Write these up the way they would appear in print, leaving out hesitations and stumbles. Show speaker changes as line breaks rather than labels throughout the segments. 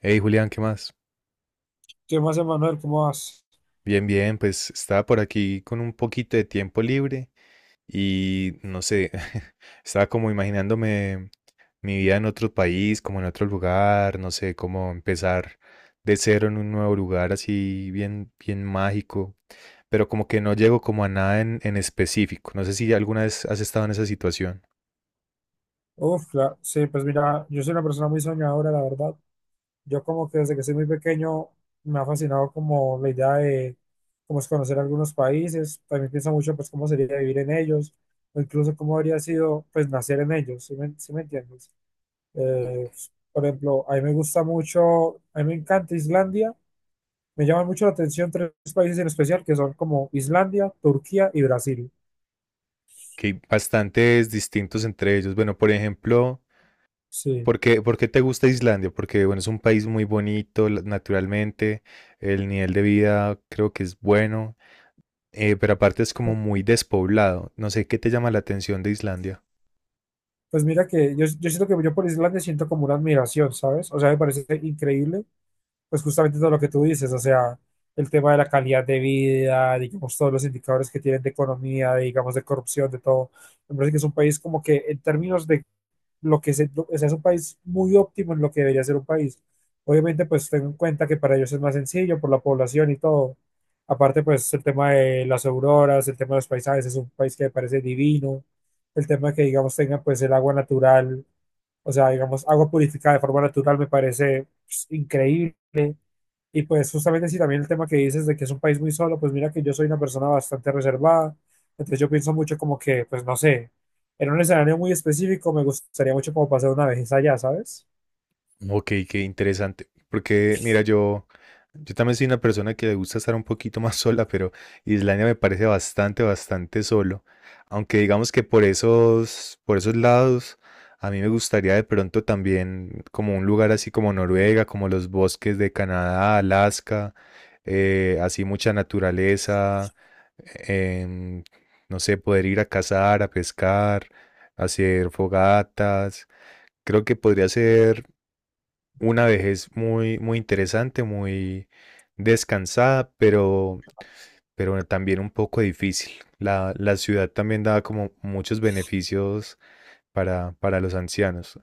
Hey Julián, ¿qué más?
¿Qué más, Emanuel? ¿Cómo vas?
Bien, bien, pues estaba por aquí con un poquito de tiempo libre y no sé, estaba como imaginándome mi vida en otro país, como en otro lugar, no sé, como empezar de cero en un nuevo lugar así bien, bien mágico, pero como que no llego como a nada en específico. No sé si alguna vez has estado en esa situación,
Uf, sí, pues mira, yo soy una persona muy soñadora, la verdad. Yo como que desde que soy muy pequeño me ha fascinado como la idea de cómo es conocer algunos países. También pienso mucho pues cómo sería vivir en ellos, o incluso cómo habría sido pues nacer en ellos, ¿sí me entiendes? Eh, por ejemplo, a mí me gusta mucho, a mí me encanta Islandia. Me llaman mucho la atención tres países en especial que son como Islandia, Turquía y Brasil.
que hay bastantes distintos entre ellos. Bueno, por ejemplo...
Sí.
¿Por qué te gusta Islandia? Porque bueno, es un país muy bonito naturalmente, el nivel de vida creo que es bueno, pero aparte es como muy despoblado. No sé qué te llama la atención de Islandia.
Pues mira que yo siento que yo por Islandia siento como una admiración, ¿sabes? O sea, me parece increíble, pues justamente todo lo que tú dices, o sea, el tema de la calidad de vida, digamos, todos los indicadores que tienen de economía, de, digamos, de corrupción, de todo. Me parece que es un país como que en términos de lo que es, o sea, es un país muy óptimo en lo que debería ser un país. Obviamente, pues tengo en cuenta que para ellos es más sencillo por la población y todo. Aparte, pues el tema de las auroras, el tema de los paisajes, es un país que me parece divino. El tema de que, digamos, tenga pues el agua natural, o sea, digamos, agua purificada de forma natural me parece pues, increíble. Y pues justamente si también el tema que dices de que es un país muy solo, pues mira que yo soy una persona bastante reservada, entonces yo pienso mucho como que, pues no sé, en un escenario muy específico me gustaría mucho como pasar una vez allá, ¿sabes?
Ok, qué interesante. Porque, mira, yo también soy una persona que le gusta estar un poquito más sola, pero Islandia me parece bastante, bastante solo. Aunque digamos que por esos lados, a mí me gustaría de pronto también como un lugar así como Noruega, como los bosques de Canadá, Alaska, así mucha naturaleza, em, no sé, poder ir a cazar, a pescar, hacer fogatas. Creo que podría ser una vejez muy, muy interesante, muy descansada, pero también un poco difícil. La ciudad también da como muchos beneficios para los ancianos,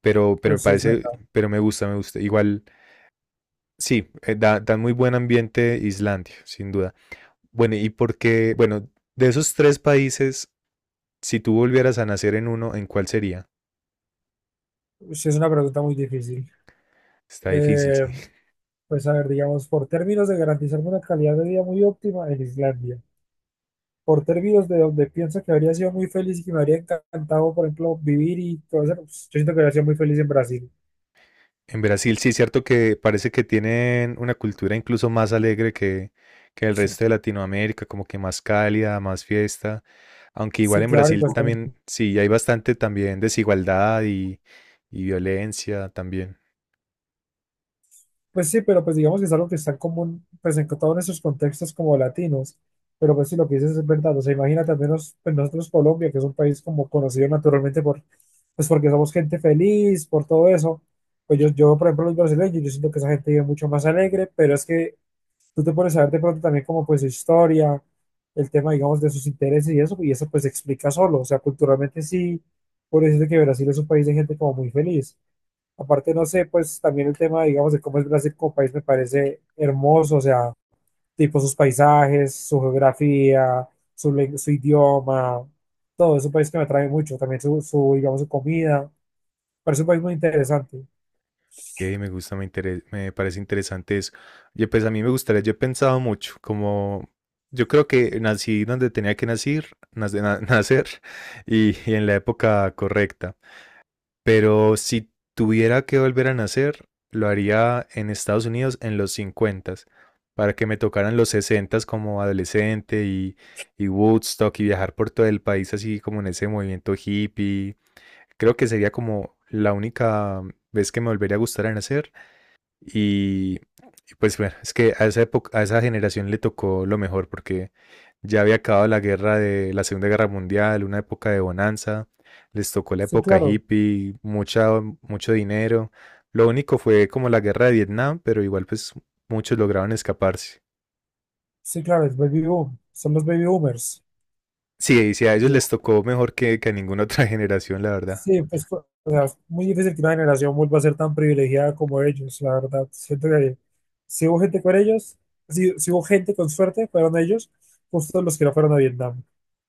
pero me
Pues sí es una,
parece, pero me gusta, me gusta. Igual, sí, da, da muy buen ambiente Islandia, sin duda. Bueno, y porque, bueno, de esos tres países, si tú volvieras a nacer en uno, ¿en cuál sería?
sí es una pregunta muy difícil.
Está difícil,
Eh,
sí.
pues a ver, digamos, por términos de garantizarme una calidad de vida muy óptima en Islandia, por términos de donde pienso que habría sido muy feliz y que me habría encantado, por ejemplo, vivir y todo eso, pues, yo siento que habría sido muy feliz en Brasil.
En Brasil sí es cierto que parece que tienen una cultura incluso más alegre que el
Sí,
resto de Latinoamérica, como que más cálida, más fiesta, aunque
sí,
igual en
claro, y
Brasil
pues también.
también sí hay bastante también desigualdad y violencia también.
Pues sí, pero pues digamos que es algo que está en común, pues en todos esos contextos como latinos, pero pues sí, lo que dices es verdad, o sea, imagínate al menos pues, nosotros Colombia, que es un país como conocido naturalmente por, pues porque somos gente feliz, por todo eso, pues yo por ejemplo los brasileños, yo siento que esa gente vive mucho más alegre, pero es que tú te pones a ver de pronto también como pues su historia, el tema digamos de sus intereses y eso pues se explica solo, o sea, culturalmente sí, por decirte que Brasil es un país de gente como muy feliz. Aparte, no sé, pues también el tema, digamos, de cómo es Brasil como país me parece hermoso, o sea, tipo sus paisajes, su geografía, su idioma, todo, es un país que me atrae mucho, también digamos, su comida, parece un país muy interesante.
Y me gusta, me parece interesante eso. Yo pues a mí me gustaría, yo he pensado mucho, como yo creo que nací donde tenía que nacer, nacer y en la época correcta. Pero si tuviera que volver a nacer, lo haría en Estados Unidos en los 50 para que me tocaran los 60 como adolescente y Woodstock y viajar por todo el país así como en ese movimiento hippie. Creo que sería como la única vez que me volvería a gustar a nacer y, y pues bueno, es que a esa época, a esa generación le tocó lo mejor porque ya había acabado la guerra de la Segunda Guerra Mundial, una época de bonanza, les tocó la
Sí,
época
claro,
hippie, mucha, mucho dinero. Lo único fue como la guerra de Vietnam, pero igual pues muchos lograron escaparse.
sí, claro, es baby boom, son los baby boomers.
Sí, y sí, a ellos les tocó mejor que a ninguna otra generación, la verdad.
Sí, pues o sea, es muy difícil que una generación vuelva a ser tan privilegiada como ellos, la verdad. Siento que si hubo gente con ellos, si hubo gente con suerte, fueron ellos, justo los que no fueron a Vietnam.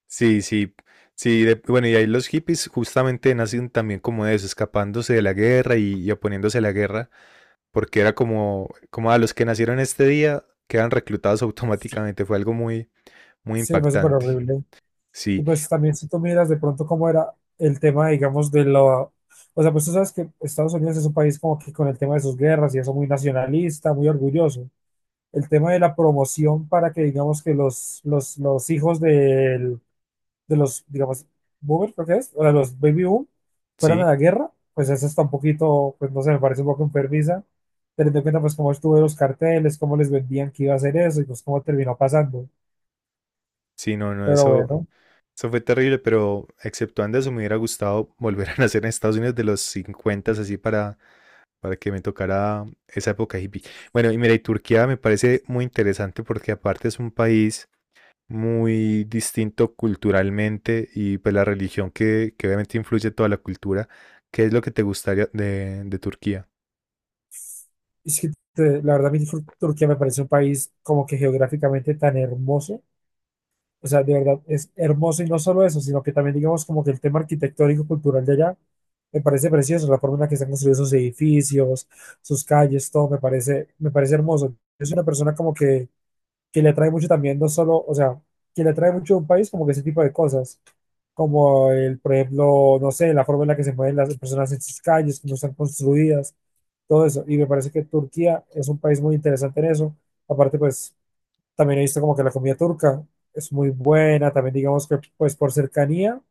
Sí, sí, sí, bueno, y ahí los hippies justamente nacen también como de eso, escapándose de la guerra y oponiéndose a la guerra. Porque era como, como a los que nacieron este día quedan reclutados automáticamente. Fue algo muy, muy
Sí, fue súper
impactante.
horrible. Y
Sí,
pues también si tú miras de pronto cómo era el tema, digamos, de lo... O sea, pues tú sabes que Estados Unidos es un país como que con el tema de sus guerras y eso muy nacionalista, muy orgulloso. El tema de la promoción para que digamos que los hijos del de los, digamos, boomers, creo que es, o de los baby boom, fueran a
sí,
la guerra, pues eso está un poquito, pues no sé, me parece un poco enfermiza, teniendo en cuenta pues cómo estuvo los carteles, cómo les vendían que iba a hacer eso y pues cómo terminó pasando.
sí, no, no,
Pero
eso,
bueno,
eso fue terrible, pero exceptuando eso, me hubiera gustado volver a nacer en Estados Unidos de los 50, así para que me tocara esa época hippie. Bueno, y mira, y Turquía me parece muy interesante porque aparte es un país muy distinto culturalmente y pues la religión que obviamente influye toda la cultura. ¿Qué es lo que te gustaría de Turquía?
es que la verdad a mí Turquía me parece un país como que geográficamente tan hermoso. O sea, de verdad es hermoso y no solo eso, sino que también digamos como que el tema arquitectónico cultural de allá me parece precioso, la forma en la que están construidos sus edificios, sus calles, todo me parece hermoso. Yo soy una persona que le atrae mucho también, no solo, o sea, que le atrae mucho a un país como que ese tipo de cosas, como el, por ejemplo, no sé, la forma en la que se mueven las personas en sus calles, cómo están construidas, todo eso. Y me parece que Turquía es un país muy interesante en eso. Aparte, pues también he visto como que la comida turca es muy buena, también digamos que pues por cercanía,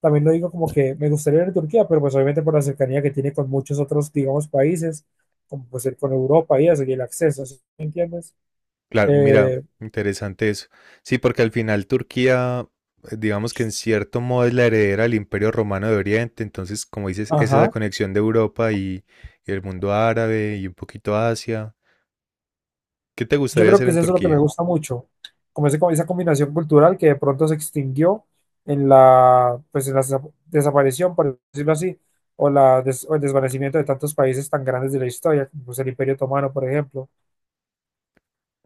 también lo digo como que me gustaría ir a Turquía, pero pues obviamente por la cercanía que tiene con muchos otros, digamos, países, como pues ir con Europa y eso, y el acceso, ¿sí me entiendes?
Claro, mira,
Eh,
interesante eso. Sí, porque al final Turquía, digamos que en cierto modo es la heredera del Imperio Romano de Oriente, entonces, como dices, esa es la
ajá,
conexión de Europa y el mundo árabe y un poquito Asia. ¿Qué te
yo
gustaría
creo
hacer
que es
en
eso lo que me
Turquía?
gusta mucho, como esa combinación cultural que de pronto se extinguió en la, pues en la desaparición, por decirlo así, o, el desvanecimiento de tantos países tan grandes de la historia, como pues el Imperio Otomano, por ejemplo.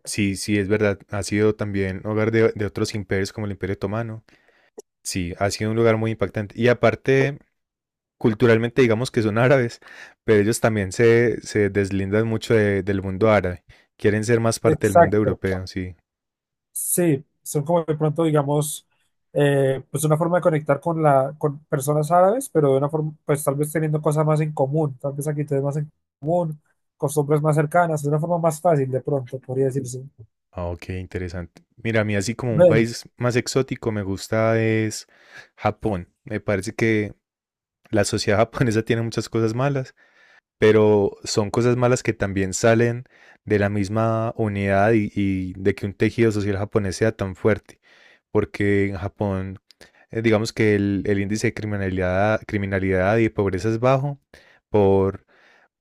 Sí, sí, es verdad, ha sido también hogar de otros imperios como el Imperio Otomano. Sí, ha sido un lugar muy impactante. Y aparte, culturalmente digamos que son árabes, pero ellos también se deslindan mucho del mundo árabe. Quieren ser más parte del mundo
Exacto.
europeo, sí.
Sí, son como de pronto, digamos, pues una forma de conectar con la, con personas árabes, pero de una forma, pues tal vez teniendo cosas más en común, tal vez actitudes más en común, costumbres más cercanas, de una forma más fácil de pronto, podría decirse.
Ah, ok, interesante. Mira, a mí así como un
Ve,
país más exótico me gusta es Japón. Me parece que la sociedad japonesa tiene muchas cosas malas, pero son cosas malas que también salen de la misma unidad y de que un tejido social japonés sea tan fuerte. Porque en Japón, digamos que el índice de criminalidad, criminalidad y pobreza es bajo por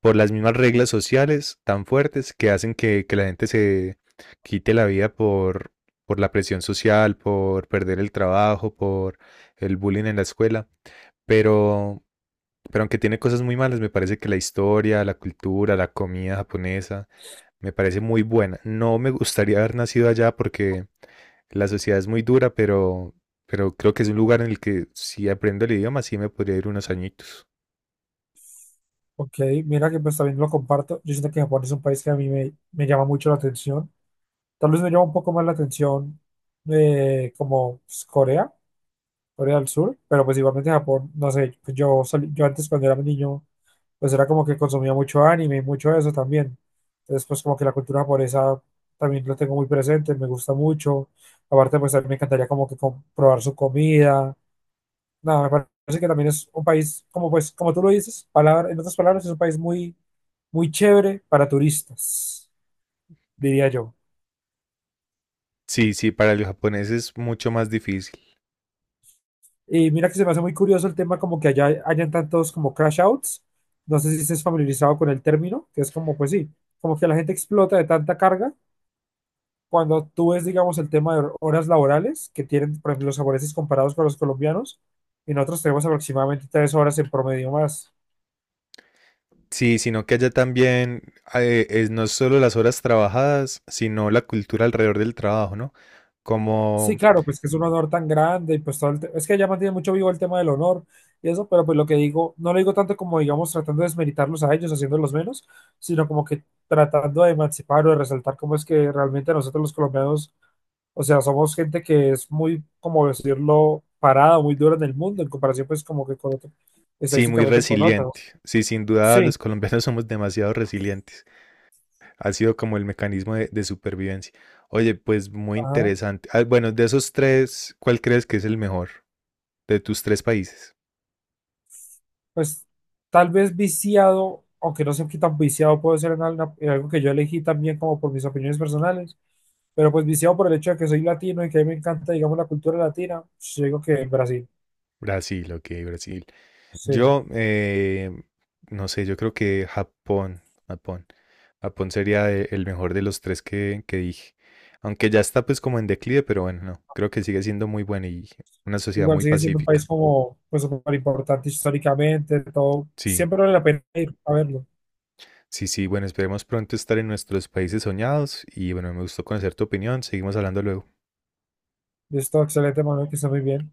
por las mismas reglas sociales tan fuertes que hacen que la gente se quite la vida por la presión social, por perder el trabajo, por el bullying en la escuela. Pero, pero aunque tiene cosas muy malas, me parece que la historia, la cultura, la comida japonesa, me parece muy buena. No me gustaría haber nacido allá porque la sociedad es muy dura, pero creo que es un lugar en el que si aprendo el idioma, sí me podría ir unos añitos.
ok, mira que pues también lo comparto. Yo siento que Japón es un país que a me llama mucho la atención. Tal vez me llama un poco más la atención como pues, Corea. Corea del Sur, pero pues igualmente Japón, no sé, pues yo antes cuando era niño, pues era como que consumía mucho anime y mucho eso también. Entonces, pues como que la cultura japonesa también lo tengo muy presente, me gusta mucho. Aparte, pues a mí me encantaría como que probar su comida. Nada, me parece que también es un país, como pues, como tú lo dices, palabra, en otras palabras, es un país muy, muy chévere para turistas, diría yo.
Sí, sí, para los japoneses es mucho más difícil.
Y mira que se me hace muy curioso el tema como que allá hayan tantos como crash outs. No sé si estés familiarizado con el término, que es como, pues sí, como que la gente explota de tanta carga. Cuando tú ves, digamos, el tema de horas laborales que tienen, por ejemplo, los japoneses comparados con los colombianos, y nosotros tenemos aproximadamente 3 horas en promedio más.
Sí, sino que allá también es no solo las horas trabajadas, sino la cultura alrededor del trabajo, ¿no?
Sí,
Como,
claro, pues que es un honor tan grande y pues todo el es que ya mantiene mucho vivo el tema del honor y eso, pero pues lo que digo, no lo digo tanto como digamos tratando de desmeritarlos a ellos, haciéndolos menos, sino como que tratando de emancipar o de resaltar cómo es que realmente nosotros los colombianos, o sea, somos gente que es muy, como decirlo, parada, muy dura en el mundo, en comparación pues como que con otro,
sí, muy
estadísticamente con
resiliente.
otros.
Sí, sin duda
Sí,
los colombianos somos demasiado resilientes. Ha sido como el mecanismo de supervivencia. Oye, pues muy
ajá.
interesante. Ah, bueno, de esos tres, ¿cuál crees que es el mejor de tus tres países?
Pues tal vez viciado, aunque no sé qué tan viciado puedo ser en algo que yo elegí también como por mis opiniones personales, pero pues viciado por el hecho de que soy latino y que a mí me encanta, digamos, la cultura latina, pues, yo digo que Brasil,
Brasil, ok, Brasil.
sí.
Yo, no sé, yo creo que Japón, Japón, Japón sería el mejor de los tres que dije. Aunque ya está pues como en declive, pero bueno, no, creo que sigue siendo muy bueno y una sociedad
Igual
muy
sigue siendo un país
pacífica.
como, pues, súper importante históricamente, todo.
Sí,
Siempre vale la pena ir a verlo.
sí, sí, bueno, esperemos pronto estar en nuestros países soñados y bueno, me gustó conocer tu opinión, seguimos hablando luego.
Y es todo excelente, Manuel, que está muy bien.